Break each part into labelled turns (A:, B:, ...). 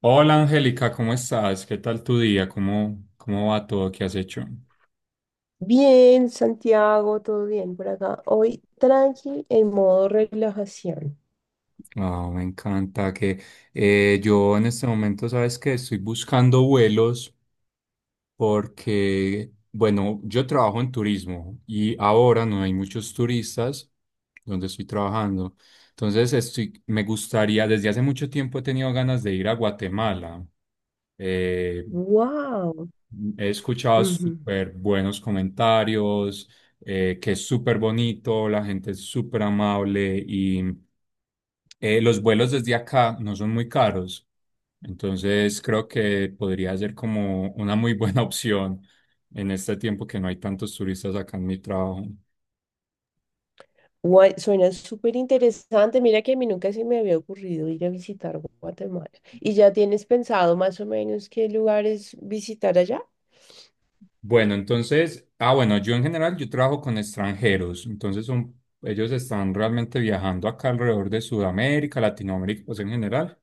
A: Hola Angélica, ¿cómo estás? ¿Qué tal tu día? ¿Cómo va todo? ¿Qué has hecho?
B: Bien, Santiago, todo bien por acá. Hoy tranqui en modo relajación.
A: Ah, me encanta que yo en este momento, sabes que estoy buscando vuelos porque, bueno, yo trabajo en turismo y ahora no hay muchos turistas donde estoy trabajando. Entonces, estoy, me gustaría, desde hace mucho tiempo he tenido ganas de ir a Guatemala. Eh,
B: ¡Wow!
A: He escuchado súper buenos comentarios, que es súper bonito, la gente es súper amable y los vuelos desde acá no son muy caros. Entonces creo que podría ser como una muy buena opción en este tiempo que no hay tantos turistas acá en mi trabajo.
B: Guay, suena súper interesante. Mira que a mí nunca se me había ocurrido ir a visitar Guatemala. ¿Y ya tienes pensado más o menos qué lugares visitar allá?
A: Bueno, entonces, ah, bueno, yo en general yo trabajo con extranjeros, entonces son, ellos están realmente viajando acá alrededor de Sudamérica, Latinoamérica, pues en general.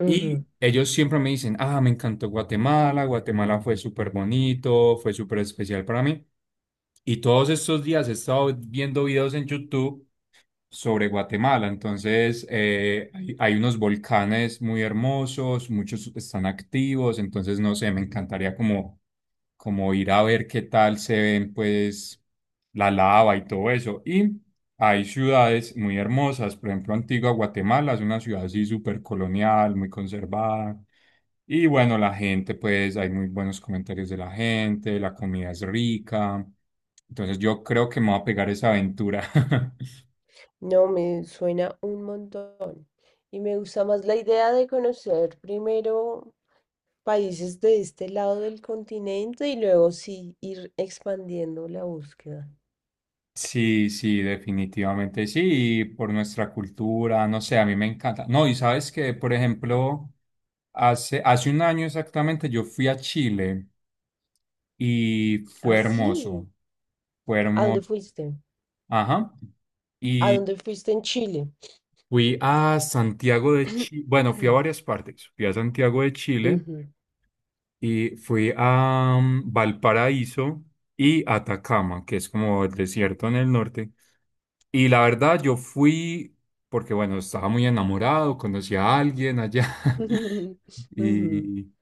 B: Ujú.
A: Y ellos siempre me dicen, ah, me encantó Guatemala, Guatemala fue súper bonito, fue súper especial para mí. Y todos estos días he estado viendo videos en YouTube sobre Guatemala. Entonces, hay unos volcanes muy hermosos, muchos están activos, entonces, no sé, me encantaría como, como ir a ver qué tal se ven, pues, la lava y todo eso. Y hay ciudades muy hermosas, por ejemplo, Antigua Guatemala es una ciudad así súper colonial, muy conservada. Y bueno, la gente, pues hay muy buenos comentarios de la gente, la comida es rica. Entonces yo creo que me voy a pegar esa aventura.
B: No, me suena un montón. Y me gusta más la idea de conocer primero países de este lado del continente y luego sí ir expandiendo la búsqueda.
A: Sí, sí, definitivamente sí, y por nuestra cultura, no sé, a mí me encanta. No, y sabes que, por ejemplo, hace un año exactamente yo fui a Chile y
B: Ah, sí.
A: fue
B: ¿A dónde
A: hermoso,
B: fuiste?
A: ajá,
B: ¿A
A: y
B: dónde fuiste en Chile?
A: fui a Santiago de Chile, bueno, fui a varias partes, fui a Santiago de Chile
B: Ujú.
A: y fui a Valparaíso y Atacama, que es como el desierto en el norte. Y la verdad, yo fui porque, bueno, estaba muy enamorado, conocí a alguien allá
B: Ujú.
A: y,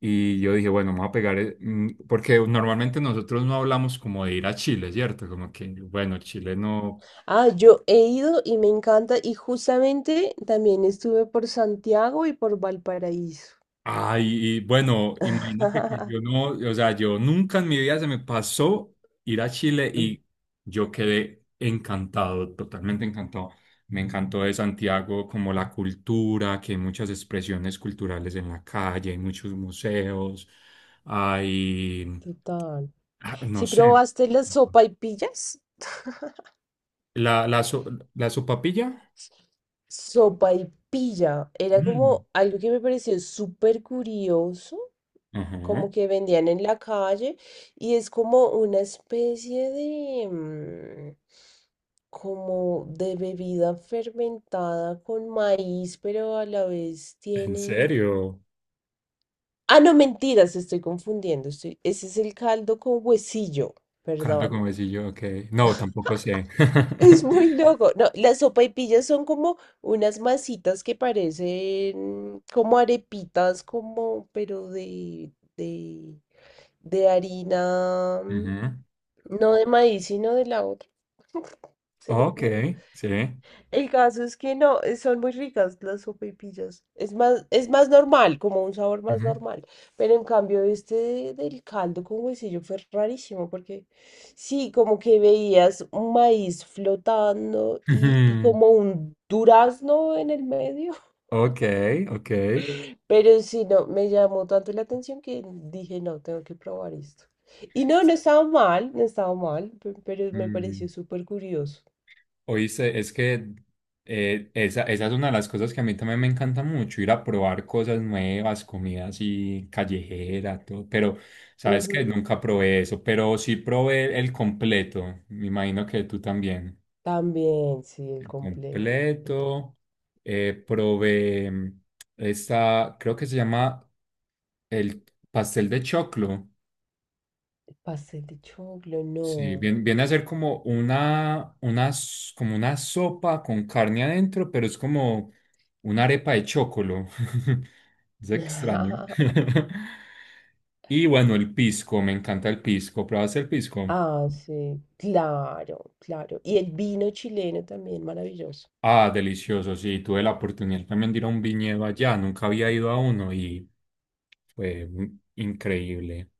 A: y yo dije, bueno, me voy a pegar, porque normalmente nosotros no hablamos como de ir a Chile, ¿cierto? Como que, bueno, Chile no.
B: Ah, yo he ido y me encanta y justamente también estuve por Santiago y por Valparaíso.
A: Ay, y bueno, imagínate que yo no, o sea, yo nunca en mi vida se me pasó ir a Chile
B: Mm.
A: y yo quedé encantado, totalmente encantado. Me encantó de Santiago como la cultura, que hay muchas expresiones culturales en la calle, hay muchos museos, hay,
B: Total.
A: ah, no
B: ¿Si
A: sé,
B: probaste las sopaipillas?
A: la, la, so- la sopapilla.
B: Sopaipilla era como
A: Mm.
B: algo que me pareció súper curioso,
A: Ajá.
B: como que vendían en la calle y es como una especie de, como de bebida fermentada con maíz, pero a la vez
A: ¿En
B: tiene...
A: serio?
B: Ah, no, mentiras, estoy confundiendo. Estoy... Ese es el caldo con huesillo,
A: Caldo como
B: perdón.
A: decía yo, ok. No, tampoco sé.
B: Es muy loco. No, las sopaipillas son como unas masitas que parecen como arepitas, como, pero de, de harina,
A: Ujú.
B: no de maíz, sino de la otra. Se me
A: Ok,
B: olvidó.
A: sí.
B: El caso es que no, son muy ricas las sopaipillas. Es más normal, como un sabor más
A: Ujú.
B: normal. Pero en cambio, del caldo con huesillo fue rarísimo, porque sí, como que veías un maíz flotando y
A: Ujú.
B: como un durazno en el medio.
A: Ok, ok.
B: Pero sí, no, me llamó tanto la atención que dije, no, tengo que probar esto. Y no, no estaba mal, no estaba mal, pero me pareció
A: Mm.
B: súper curioso.
A: Oíste, es que esa es una de las cosas que a mí también me encanta mucho, ir a probar cosas nuevas, comida así callejera, todo. Pero, ¿sabes que Nunca probé eso, pero sí probé el completo. Me imagino que tú también.
B: También, sí, el
A: El
B: completo.
A: completo. Probé esta, creo que se llama el pastel de choclo.
B: Pastel de choclo, no.
A: Sí, viene a ser como como una sopa con carne adentro, pero es como una arepa de chocolo. Es extraño. Y bueno, el pisco, me encanta el pisco. ¿Pruebas el pisco?
B: Ah, sí, claro, claro. Y el vino chileno también, maravilloso.
A: Ah, delicioso, sí. Tuve la oportunidad también de ir a un viñedo allá. Nunca había ido a uno y fue increíble.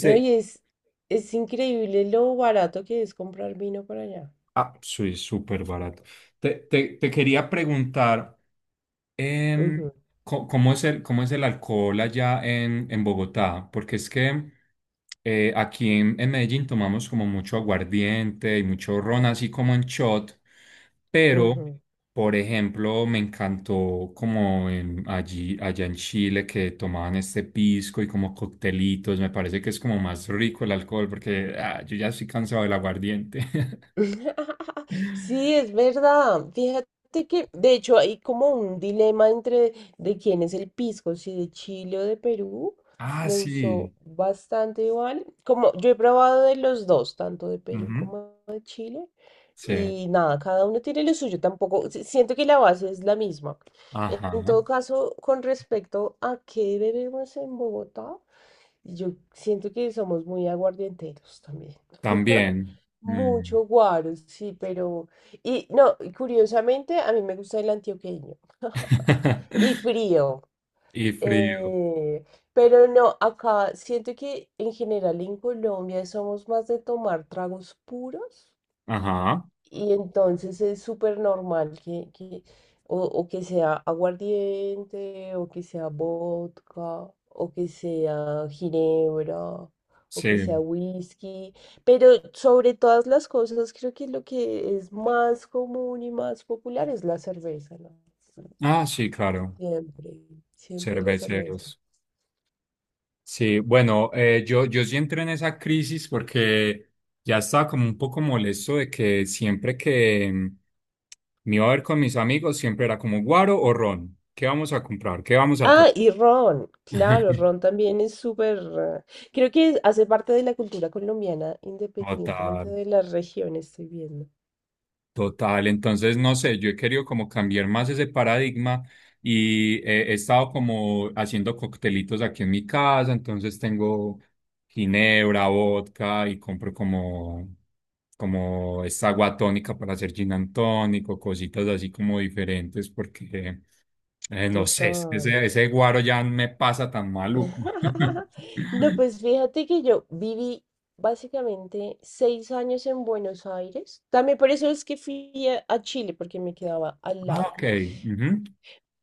B: No, es increíble lo barato que es comprar vino por allá.
A: ah, soy súper barato. Te quería preguntar. Em,
B: Ujú,
A: ¿Cómo es cómo es el alcohol en Bogotá? Porque es que aquí en Medellín tomamos como mucho aguardiente y mucho ron, así como en shot, pero,
B: ujú.
A: por ejemplo, me encantó como allá en Chile que tomaban este pisco y como coctelitos, me parece que es como más rico el alcohol porque ah, yo ya estoy cansado del aguardiente.
B: Sí, es verdad. Fíjate que, de hecho, hay como un dilema entre de quién es el pisco, si de Chile o de Perú.
A: Ah,
B: Me
A: sí.
B: gustó bastante igual. Como yo he probado de los dos, tanto de Perú
A: Ujú.
B: como de Chile.
A: Sí.
B: Y nada, cada uno tiene lo suyo. Tampoco, siento que la base es la misma. En
A: Ajá.
B: todo caso, con respecto a qué bebemos en Bogotá, yo siento que somos muy aguardienteros también.
A: También. Mm.
B: Mucho guaro, sí, pero... Y no, y curiosamente a mí me gusta el antioqueño. Y frío.
A: Y frío.
B: eh, pero no, acá siento que en general en Colombia somos más de tomar tragos puros.
A: Ajá.
B: Y entonces es súper normal que o que sea aguardiente, o que sea vodka, o que sea ginebra, o que sea
A: Sí.
B: whisky. Pero sobre todas las cosas, creo que lo que es más común y más popular es la cerveza, ¿no?
A: Ah, sí, claro.
B: Siempre, siempre la cerveza.
A: Cerveceros. Sí, bueno, yo sí entré en esa crisis porque ya estaba como un poco molesto de que siempre que me iba a ver con mis amigos, siempre era como guaro o ron. ¿Qué vamos a comprar? ¿Qué vamos a tomar?
B: Ah, y Ron, claro, Ron también es súper... Creo que hace parte de la cultura colombiana, independientemente
A: Total.
B: de la región, estoy viendo.
A: Total, entonces no sé, yo he querido como cambiar más ese paradigma y he estado como haciendo coctelitos aquí en mi casa, entonces tengo ginebra, vodka y compro como esta agua tónica para hacer gin and tonic o cositas así como diferentes porque no sé, es que
B: Total.
A: ese guaro ya me pasa tan maluco.
B: No, pues fíjate que yo viví básicamente 6 años en Buenos Aires. También por eso es que fui a Chile, porque me quedaba al
A: Ah,
B: lado.
A: ok, ujú.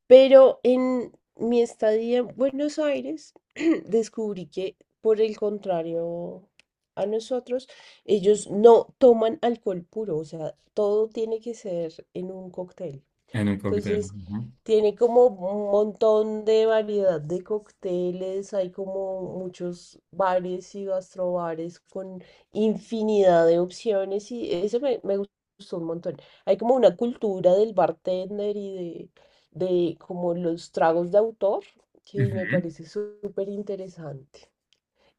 B: Pero en mi estadía en Buenos Aires descubrí que, por el contrario a nosotros, ellos no toman alcohol puro, o sea, todo tiene que ser en un cóctel.
A: En un cóctel.
B: Entonces,
A: Ujú,
B: tiene como un montón de variedad de cócteles, hay como muchos bares y gastrobares con infinidad de opciones y eso me gustó un montón. Hay como una cultura del bartender y de como los tragos de autor que me
A: ujú,
B: parece súper interesante.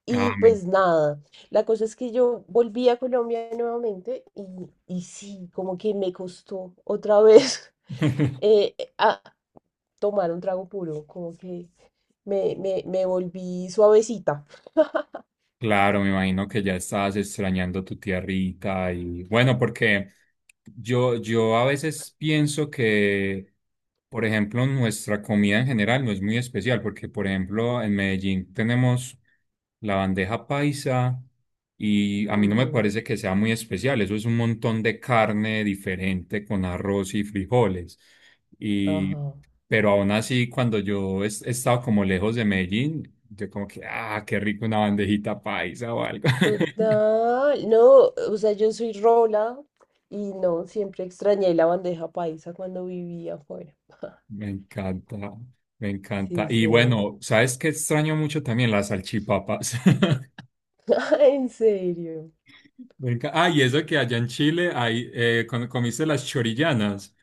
B: Y
A: amén.
B: pues nada, la cosa es que yo volví a Colombia nuevamente y sí, como que me costó otra vez a tomar un trago puro, como que me volví suavecita.
A: Claro, me imagino que ya estabas extrañando tu tierrita y bueno, porque yo a veces pienso que, por ejemplo, nuestra comida en general no es muy especial, porque, por ejemplo, en Medellín tenemos la bandeja paisa y a mí no me
B: Ujú,
A: parece que sea muy especial, eso es un montón de carne diferente con arroz y frijoles. Y,
B: Ajá.
A: pero aún así, cuando yo he estado como lejos de Medellín, yo como que, ah, qué rico una bandejita paisa o algo.
B: Total, no, o sea, yo soy rola y no, siempre extrañé la bandeja paisa cuando vivía afuera.
A: Me encanta, me encanta.
B: Sí,
A: Y
B: sí.
A: bueno, ¿sabes qué extraño mucho también? Las salchipapas.
B: En serio.
A: Ah, y eso que allá en Chile hay, ¿comiste las chorillanas?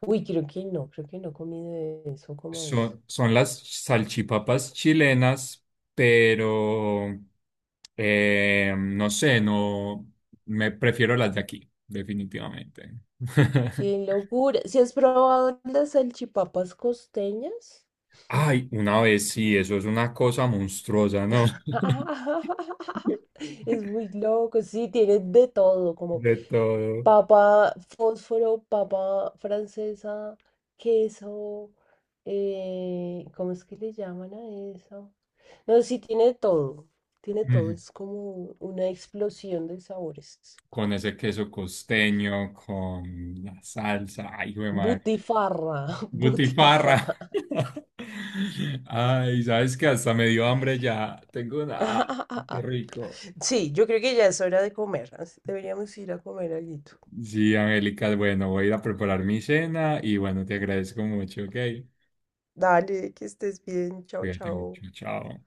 B: Uy, creo que no he comido de eso, ¿cómo es?
A: Son, son las salchipapas chilenas, pero no me prefiero las de aquí, definitivamente.
B: ¡Qué locura! ¿Si has probado las salchipapas costeñas?
A: Ay, una vez sí, eso es una cosa monstruosa, ¿no?
B: Es muy loco, sí, tiene de todo, como
A: De todo.
B: papa fósforo, papa francesa, queso, ¿cómo es que le llaman a eso? No, sí, tiene todo,
A: Mm.
B: es como una explosión de sabores.
A: Con ese queso costeño, con la salsa, ay, güey,
B: Butifarra,
A: butifarra.
B: butifarra.
A: Ay, sabes que hasta me dio hambre ya. Tengo una. Ah, qué rico.
B: Sí, yo creo que ya es hora de comer. Deberíamos ir a comer algo.
A: Sí, Angélica, bueno, voy a ir a preparar mi cena y bueno, te agradezco mucho, ok.
B: Dale, que estés bien. Chao,
A: Cuídate mucho,
B: chao.
A: chao.